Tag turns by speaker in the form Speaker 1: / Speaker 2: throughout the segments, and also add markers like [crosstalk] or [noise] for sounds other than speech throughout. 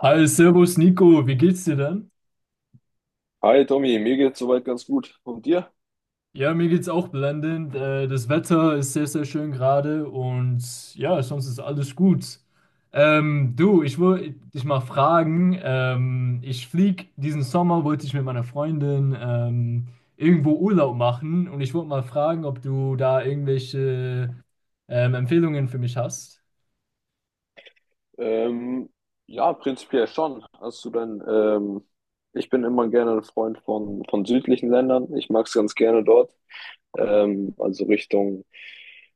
Speaker 1: Hi, servus Nico, wie geht's dir denn?
Speaker 2: Hi Tommy, mir geht's soweit ganz gut. Und dir?
Speaker 1: Ja, mir geht's auch blendend. Das Wetter ist sehr, sehr schön gerade und ja, sonst ist alles gut. Du, ich wollte dich mal fragen, ich flieg diesen Sommer, wollte ich mit meiner Freundin irgendwo Urlaub machen und ich wollte mal fragen, ob du da irgendwelche Empfehlungen für mich hast.
Speaker 2: Ähm, ja, prinzipiell schon. Hast du denn, ich bin immer gerne ein Freund von südlichen Ländern. Ich mag's ganz gerne dort. Also Richtung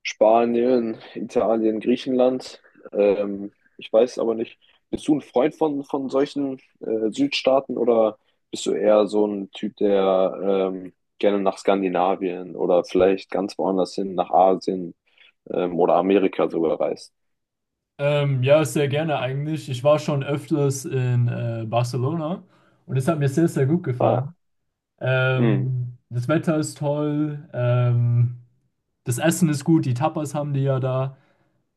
Speaker 2: Spanien, Italien, Griechenland. Ähm, ich weiß aber nicht, bist du ein Freund von solchen Südstaaten oder bist du eher so ein Typ, der gerne nach Skandinavien oder vielleicht ganz woanders hin, nach Asien? Oder Amerika sogar reist.
Speaker 1: Ja, sehr gerne eigentlich. Ich war schon öfters in Barcelona und es hat mir sehr, sehr gut
Speaker 2: Ah,
Speaker 1: gefallen.
Speaker 2: mhm.
Speaker 1: Das Wetter ist toll. Das Essen ist gut. Die Tapas haben die ja da.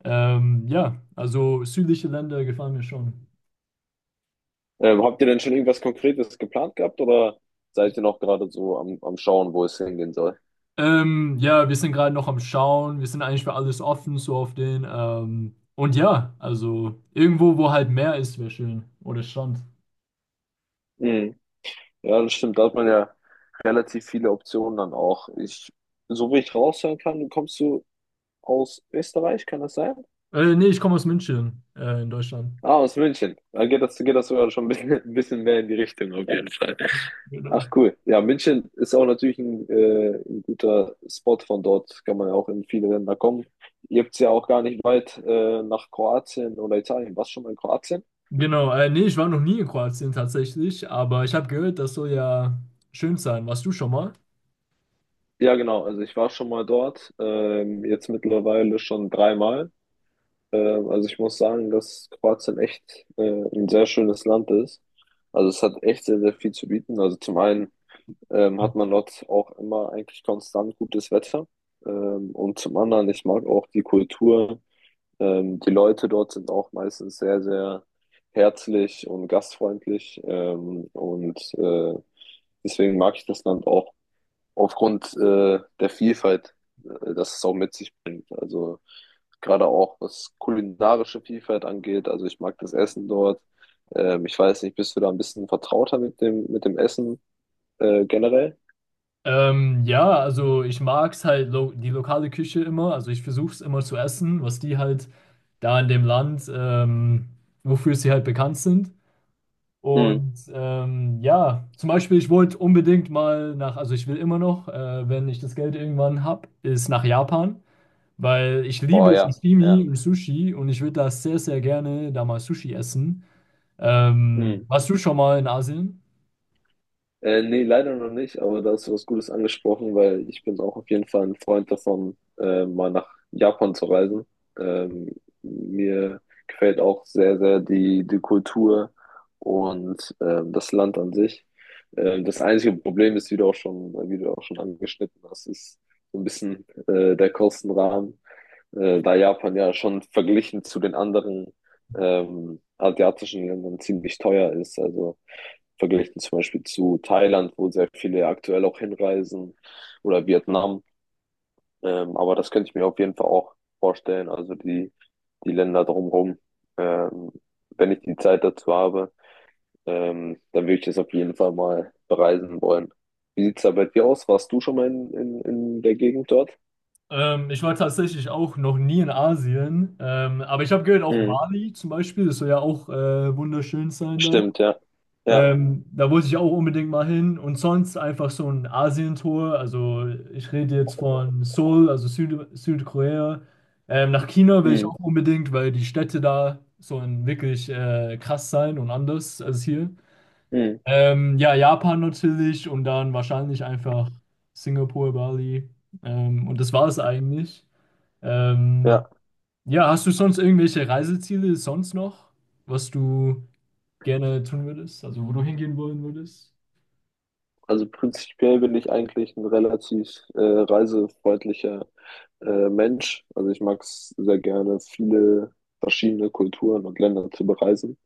Speaker 1: Ja, also südliche Länder gefallen mir schon.
Speaker 2: Habt ihr denn schon irgendwas Konkretes geplant gehabt oder seid ihr noch gerade so am Schauen, wo es hingehen soll?
Speaker 1: Ja, wir sind gerade noch am Schauen. Wir sind eigentlich für alles offen, so auf den. Und ja, also irgendwo, wo halt Meer ist, wäre schön. Oder Strand.
Speaker 2: Mhm. Ja, das stimmt. Da hat man ja relativ viele Optionen dann auch. So wie ich raushören kann, kommst du aus Österreich, kann das sein?
Speaker 1: Nee, ich komme aus München, in Deutschland.
Speaker 2: Ah, aus München. Dann geht das sogar schon ein bisschen, [laughs] ein bisschen mehr in die Richtung auf jeden Fall. Ach
Speaker 1: Genau.
Speaker 2: cool. Ja, München ist auch natürlich ein guter Spot von dort. Kann man ja auch in viele Länder kommen. Ihr habt es ja auch gar nicht weit nach Kroatien oder Italien. Warst du schon mal in Kroatien?
Speaker 1: Genau, nee, ich war noch nie in Kroatien tatsächlich, aber ich habe gehört, das soll ja schön sein. Warst du schon mal?
Speaker 2: Ja, genau. Also ich war schon mal dort. Jetzt mittlerweile schon dreimal. Also ich muss sagen, dass Kroatien echt ein sehr schönes Land ist. Also es hat echt sehr, sehr viel zu bieten. Also zum einen hat man dort auch immer eigentlich konstant gutes Wetter. Und zum anderen, ich mag auch die Kultur. Die Leute dort sind auch meistens sehr, sehr herzlich und gastfreundlich. Deswegen mag ich das Land auch aufgrund der Vielfalt, das es auch mit sich bringt. Also gerade auch was kulinarische Vielfalt angeht. Also ich mag das Essen dort. Ich weiß nicht, bist du da ein bisschen vertrauter mit dem Essen generell?
Speaker 1: Ja, also ich mag's halt lo die lokale Küche immer. Also ich versuche es immer zu essen, was die halt da in dem Land, wofür sie halt bekannt sind.
Speaker 2: Mhm.
Speaker 1: Und ja, zum Beispiel, ich wollte unbedingt mal nach, also ich will immer noch, wenn ich das Geld irgendwann hab, ist nach Japan, weil ich
Speaker 2: Oh
Speaker 1: liebe
Speaker 2: ja, ja.
Speaker 1: Sashimi und Sushi und ich würde da sehr, sehr gerne da mal Sushi essen.
Speaker 2: Mhm.
Speaker 1: Warst du schon mal in Asien?
Speaker 2: Nee, leider noch nicht, aber da hast du was Gutes angesprochen, weil ich bin auch auf jeden Fall ein Freund davon, mal nach Japan zu reisen. Ähm, mir gefällt auch sehr, sehr die Kultur und das Land an sich. Das einzige Problem ist, wie du auch schon angeschnitten hast, ist so ein bisschen der Kostenrahmen, da Japan ja schon verglichen zu den anderen asiatischen Ländern ziemlich teuer ist. Also verglichen zum Beispiel zu Thailand, wo sehr viele aktuell auch hinreisen oder Vietnam. Aber das könnte ich mir auf jeden Fall auch vorstellen, also die Länder drumherum, ähm, wenn ich die Zeit dazu habe, dann würde ich das auf jeden Fall mal bereisen wollen. Wie sieht es da bei dir aus? Warst du schon mal in der Gegend dort?
Speaker 1: Ich war tatsächlich auch noch nie in Asien, aber ich habe gehört, auch
Speaker 2: Mhm.
Speaker 1: Bali zum Beispiel, das soll ja auch wunderschön sein da.
Speaker 2: Stimmt, ja. Ja.
Speaker 1: Da wollte ich auch unbedingt mal hin und sonst einfach so ein Asientour. Also ich rede jetzt von Seoul, also Südkorea. Nach China will ich
Speaker 2: Mhm.
Speaker 1: auch unbedingt, weil die Städte da so ein wirklich krass sein und anders als hier.
Speaker 2: Mhm.
Speaker 1: Ja, Japan natürlich und dann wahrscheinlich einfach Singapur, Bali. Und das war es eigentlich. Ähm,
Speaker 2: Ja.
Speaker 1: ja, hast du sonst irgendwelche Reiseziele sonst noch, was du gerne tun würdest, also wo du hingehen wollen würdest?
Speaker 2: Also prinzipiell bin ich eigentlich ein relativ reisefreundlicher Mensch. Also ich mag es sehr gerne, viele verschiedene Kulturen und Länder zu bereisen.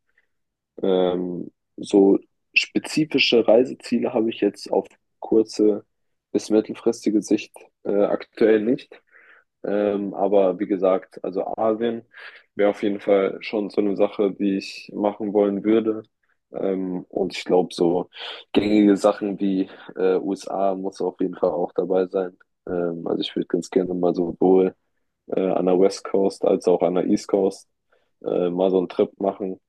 Speaker 2: Ähm, so spezifische Reiseziele habe ich jetzt auf kurze bis mittelfristige Sicht aktuell nicht. Aber wie gesagt, also Asien wäre auf jeden Fall schon so eine Sache, die ich machen wollen würde. Und ich glaube, so gängige Sachen wie USA muss auf jeden Fall auch dabei sein. Also ich würde ganz gerne mal sowohl an der West Coast als auch an der East Coast mal so einen Trip machen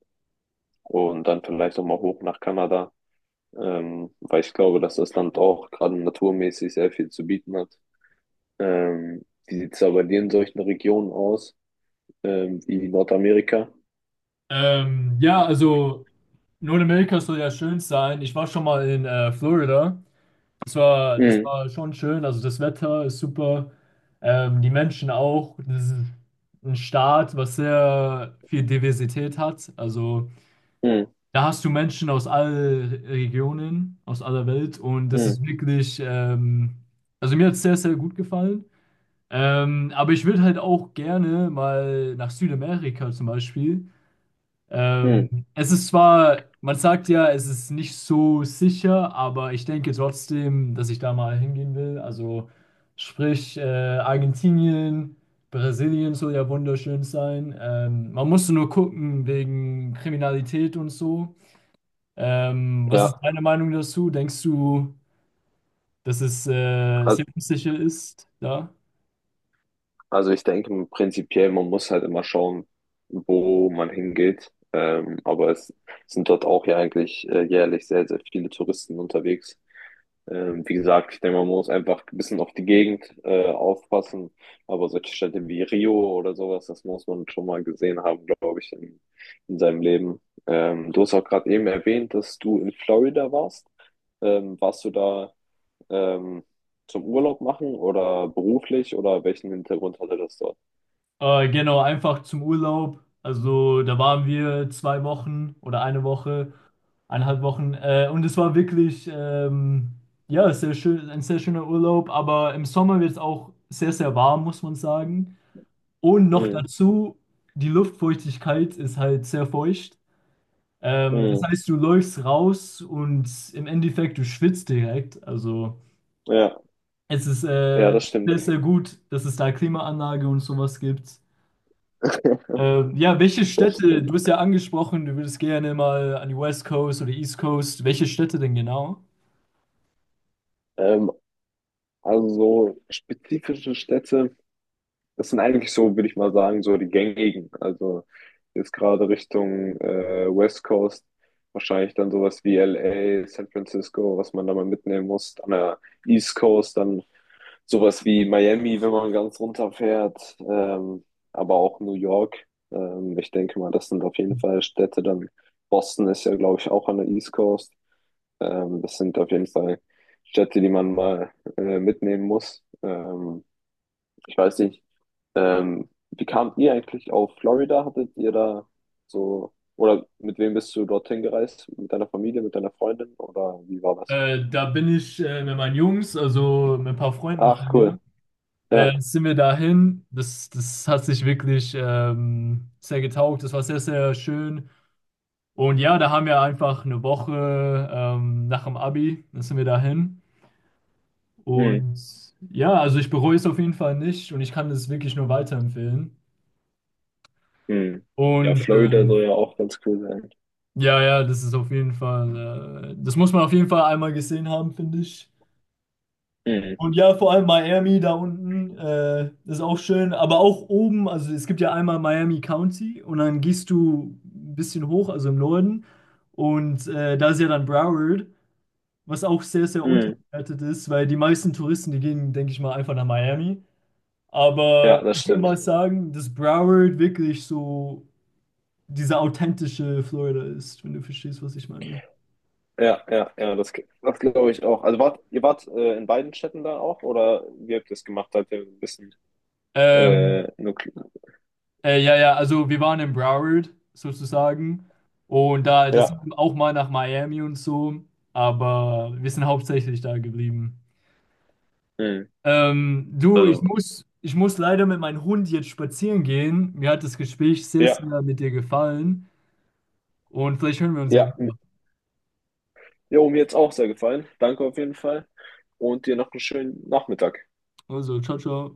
Speaker 2: und dann vielleicht auch mal hoch nach Kanada, weil ich glaube, dass das Land auch gerade naturmäßig sehr viel zu bieten hat. Wie sieht es aber in solchen Regionen aus? Wie Nordamerika.
Speaker 1: Ja, also Nordamerika soll ja schön sein. Ich war schon mal in Florida. Das
Speaker 2: Mhm.
Speaker 1: war schon schön. Also das Wetter ist super. Die Menschen auch. Das ist ein Staat, was sehr viel Diversität hat. Also
Speaker 2: Mhm.
Speaker 1: da hast du Menschen aus allen Regionen, aus aller Welt und das
Speaker 2: Mhm.
Speaker 1: ist wirklich, also mir hat es sehr, sehr gut gefallen. Aber ich würde halt auch gerne mal nach Südamerika zum Beispiel. Ähm,
Speaker 2: Mhm.
Speaker 1: Es ist zwar, man sagt ja, es ist nicht so sicher, aber ich denke trotzdem, dass ich da mal hingehen will. Also sprich, Argentinien, Brasilien soll ja wunderschön sein. Man muss nur gucken wegen Kriminalität und so. Was ist
Speaker 2: Ja,
Speaker 1: deine Meinung dazu? Denkst du, dass es
Speaker 2: Al-
Speaker 1: selbstsicher ist da?
Speaker 2: also ich denke prinzipiell, man muss halt immer schauen, wo man hingeht. Aber es sind dort auch ja eigentlich jährlich sehr, sehr viele Touristen unterwegs. Wie gesagt, ich denke, man muss einfach ein bisschen auf die Gegend aufpassen. Aber solche Städte wie Rio oder sowas, das muss man schon mal gesehen haben, glaube ich, in seinem Leben. Du hast auch gerade eben erwähnt, dass du in Florida warst. Warst du da? ähm, Zum Urlaub machen oder beruflich oder welchen Hintergrund hatte das dort?
Speaker 1: Genau, einfach zum Urlaub. Also da waren wir zwei Wochen oder eine Woche, eineinhalb Wochen. Und es war wirklich ja, sehr schön, ein sehr schöner Urlaub. Aber im Sommer wird es auch sehr, sehr warm, muss man sagen. Und noch
Speaker 2: Mhm.
Speaker 1: dazu, die Luftfeuchtigkeit ist halt sehr feucht. Das
Speaker 2: Mhm.
Speaker 1: heißt, du läufst raus und im Endeffekt, du schwitzt direkt. Also.
Speaker 2: Ja,
Speaker 1: Es ist
Speaker 2: ja, das
Speaker 1: sehr,
Speaker 2: stimmt.
Speaker 1: sehr gut, dass es da Klimaanlage und sowas gibt.
Speaker 2: [laughs]
Speaker 1: Ja, welche
Speaker 2: Das
Speaker 1: Städte,
Speaker 2: stimmt.
Speaker 1: du hast ja angesprochen, du würdest gerne mal an die West Coast oder East Coast. Welche Städte denn genau?
Speaker 2: Ähm, also so spezifische Städte, das sind eigentlich so, würde ich mal sagen, so die gängigen. Also jetzt gerade Richtung West Coast, wahrscheinlich dann sowas wie LA, San Francisco, was man da mal mitnehmen muss. An der East Coast dann sowas wie Miami, wenn man ganz runterfährt, aber auch New York. Ich denke mal, das sind auf jeden Fall Städte. Dann Boston ist ja, glaube ich, auch an der East Coast. Das sind auf jeden Fall Städte, die man mal mitnehmen muss. Ich weiß nicht, wie kamt ihr eigentlich auf Florida? Hattet ihr da so, oder mit wem bist du dorthin gereist? Mit deiner Familie, mit deiner Freundin oder wie war das?
Speaker 1: Da bin ich mit meinen Jungs, also mit ein paar Freunden
Speaker 2: Ach,
Speaker 1: von mir,
Speaker 2: cool. Ja.
Speaker 1: sind wir dahin. Das hat sich wirklich sehr getaugt. Das war sehr, sehr schön. Und ja, da haben wir einfach eine Woche nach dem Abi, dann sind wir dahin. Und ja, also ich bereue es auf jeden Fall nicht und ich kann es wirklich nur weiterempfehlen.
Speaker 2: Hm. Ja,
Speaker 1: Und
Speaker 2: Florida soll ja auch ganz cool sein.
Speaker 1: ja, ja, das ist auf jeden Fall, das muss man auf jeden Fall einmal gesehen haben, finde ich.
Speaker 2: Hm.
Speaker 1: Und ja, vor allem Miami da unten, ist auch schön, aber auch oben, also es gibt ja einmal Miami County und dann gehst du ein bisschen hoch, also im Norden. Und da ist ja dann Broward, was auch sehr, sehr
Speaker 2: Hm.
Speaker 1: unterbewertet ist, weil die meisten Touristen, die gehen, denke ich mal, einfach nach Miami.
Speaker 2: Ja,
Speaker 1: Aber
Speaker 2: das
Speaker 1: ich würde mal
Speaker 2: stimmt.
Speaker 1: sagen, dass Broward wirklich so dieser authentische Florida ist, wenn du verstehst, was ich meine.
Speaker 2: Ja, ja, ja, das glaube ich auch. Also ihr wart in beiden Städten da auch oder wie habt ihr das gemacht? Seid ihr ein bisschen
Speaker 1: Ähm,
Speaker 2: nuklear?
Speaker 1: ja, ja, also wir waren in Broward sozusagen und da, das
Speaker 2: Ja.
Speaker 1: sind auch mal nach Miami und so, aber wir sind hauptsächlich da geblieben.
Speaker 2: Hm.
Speaker 1: Du,
Speaker 2: Also.
Speaker 1: ich muss leider mit meinem Hund jetzt spazieren gehen. Mir hat das Gespräch sehr,
Speaker 2: Ja,
Speaker 1: sehr mit dir gefallen und vielleicht hören wir uns ja
Speaker 2: ja.
Speaker 1: wieder.
Speaker 2: Jo, mir jetzt auch sehr gefallen. Danke auf jeden Fall. Und dir noch einen schönen Nachmittag.
Speaker 1: Also, ciao, ciao.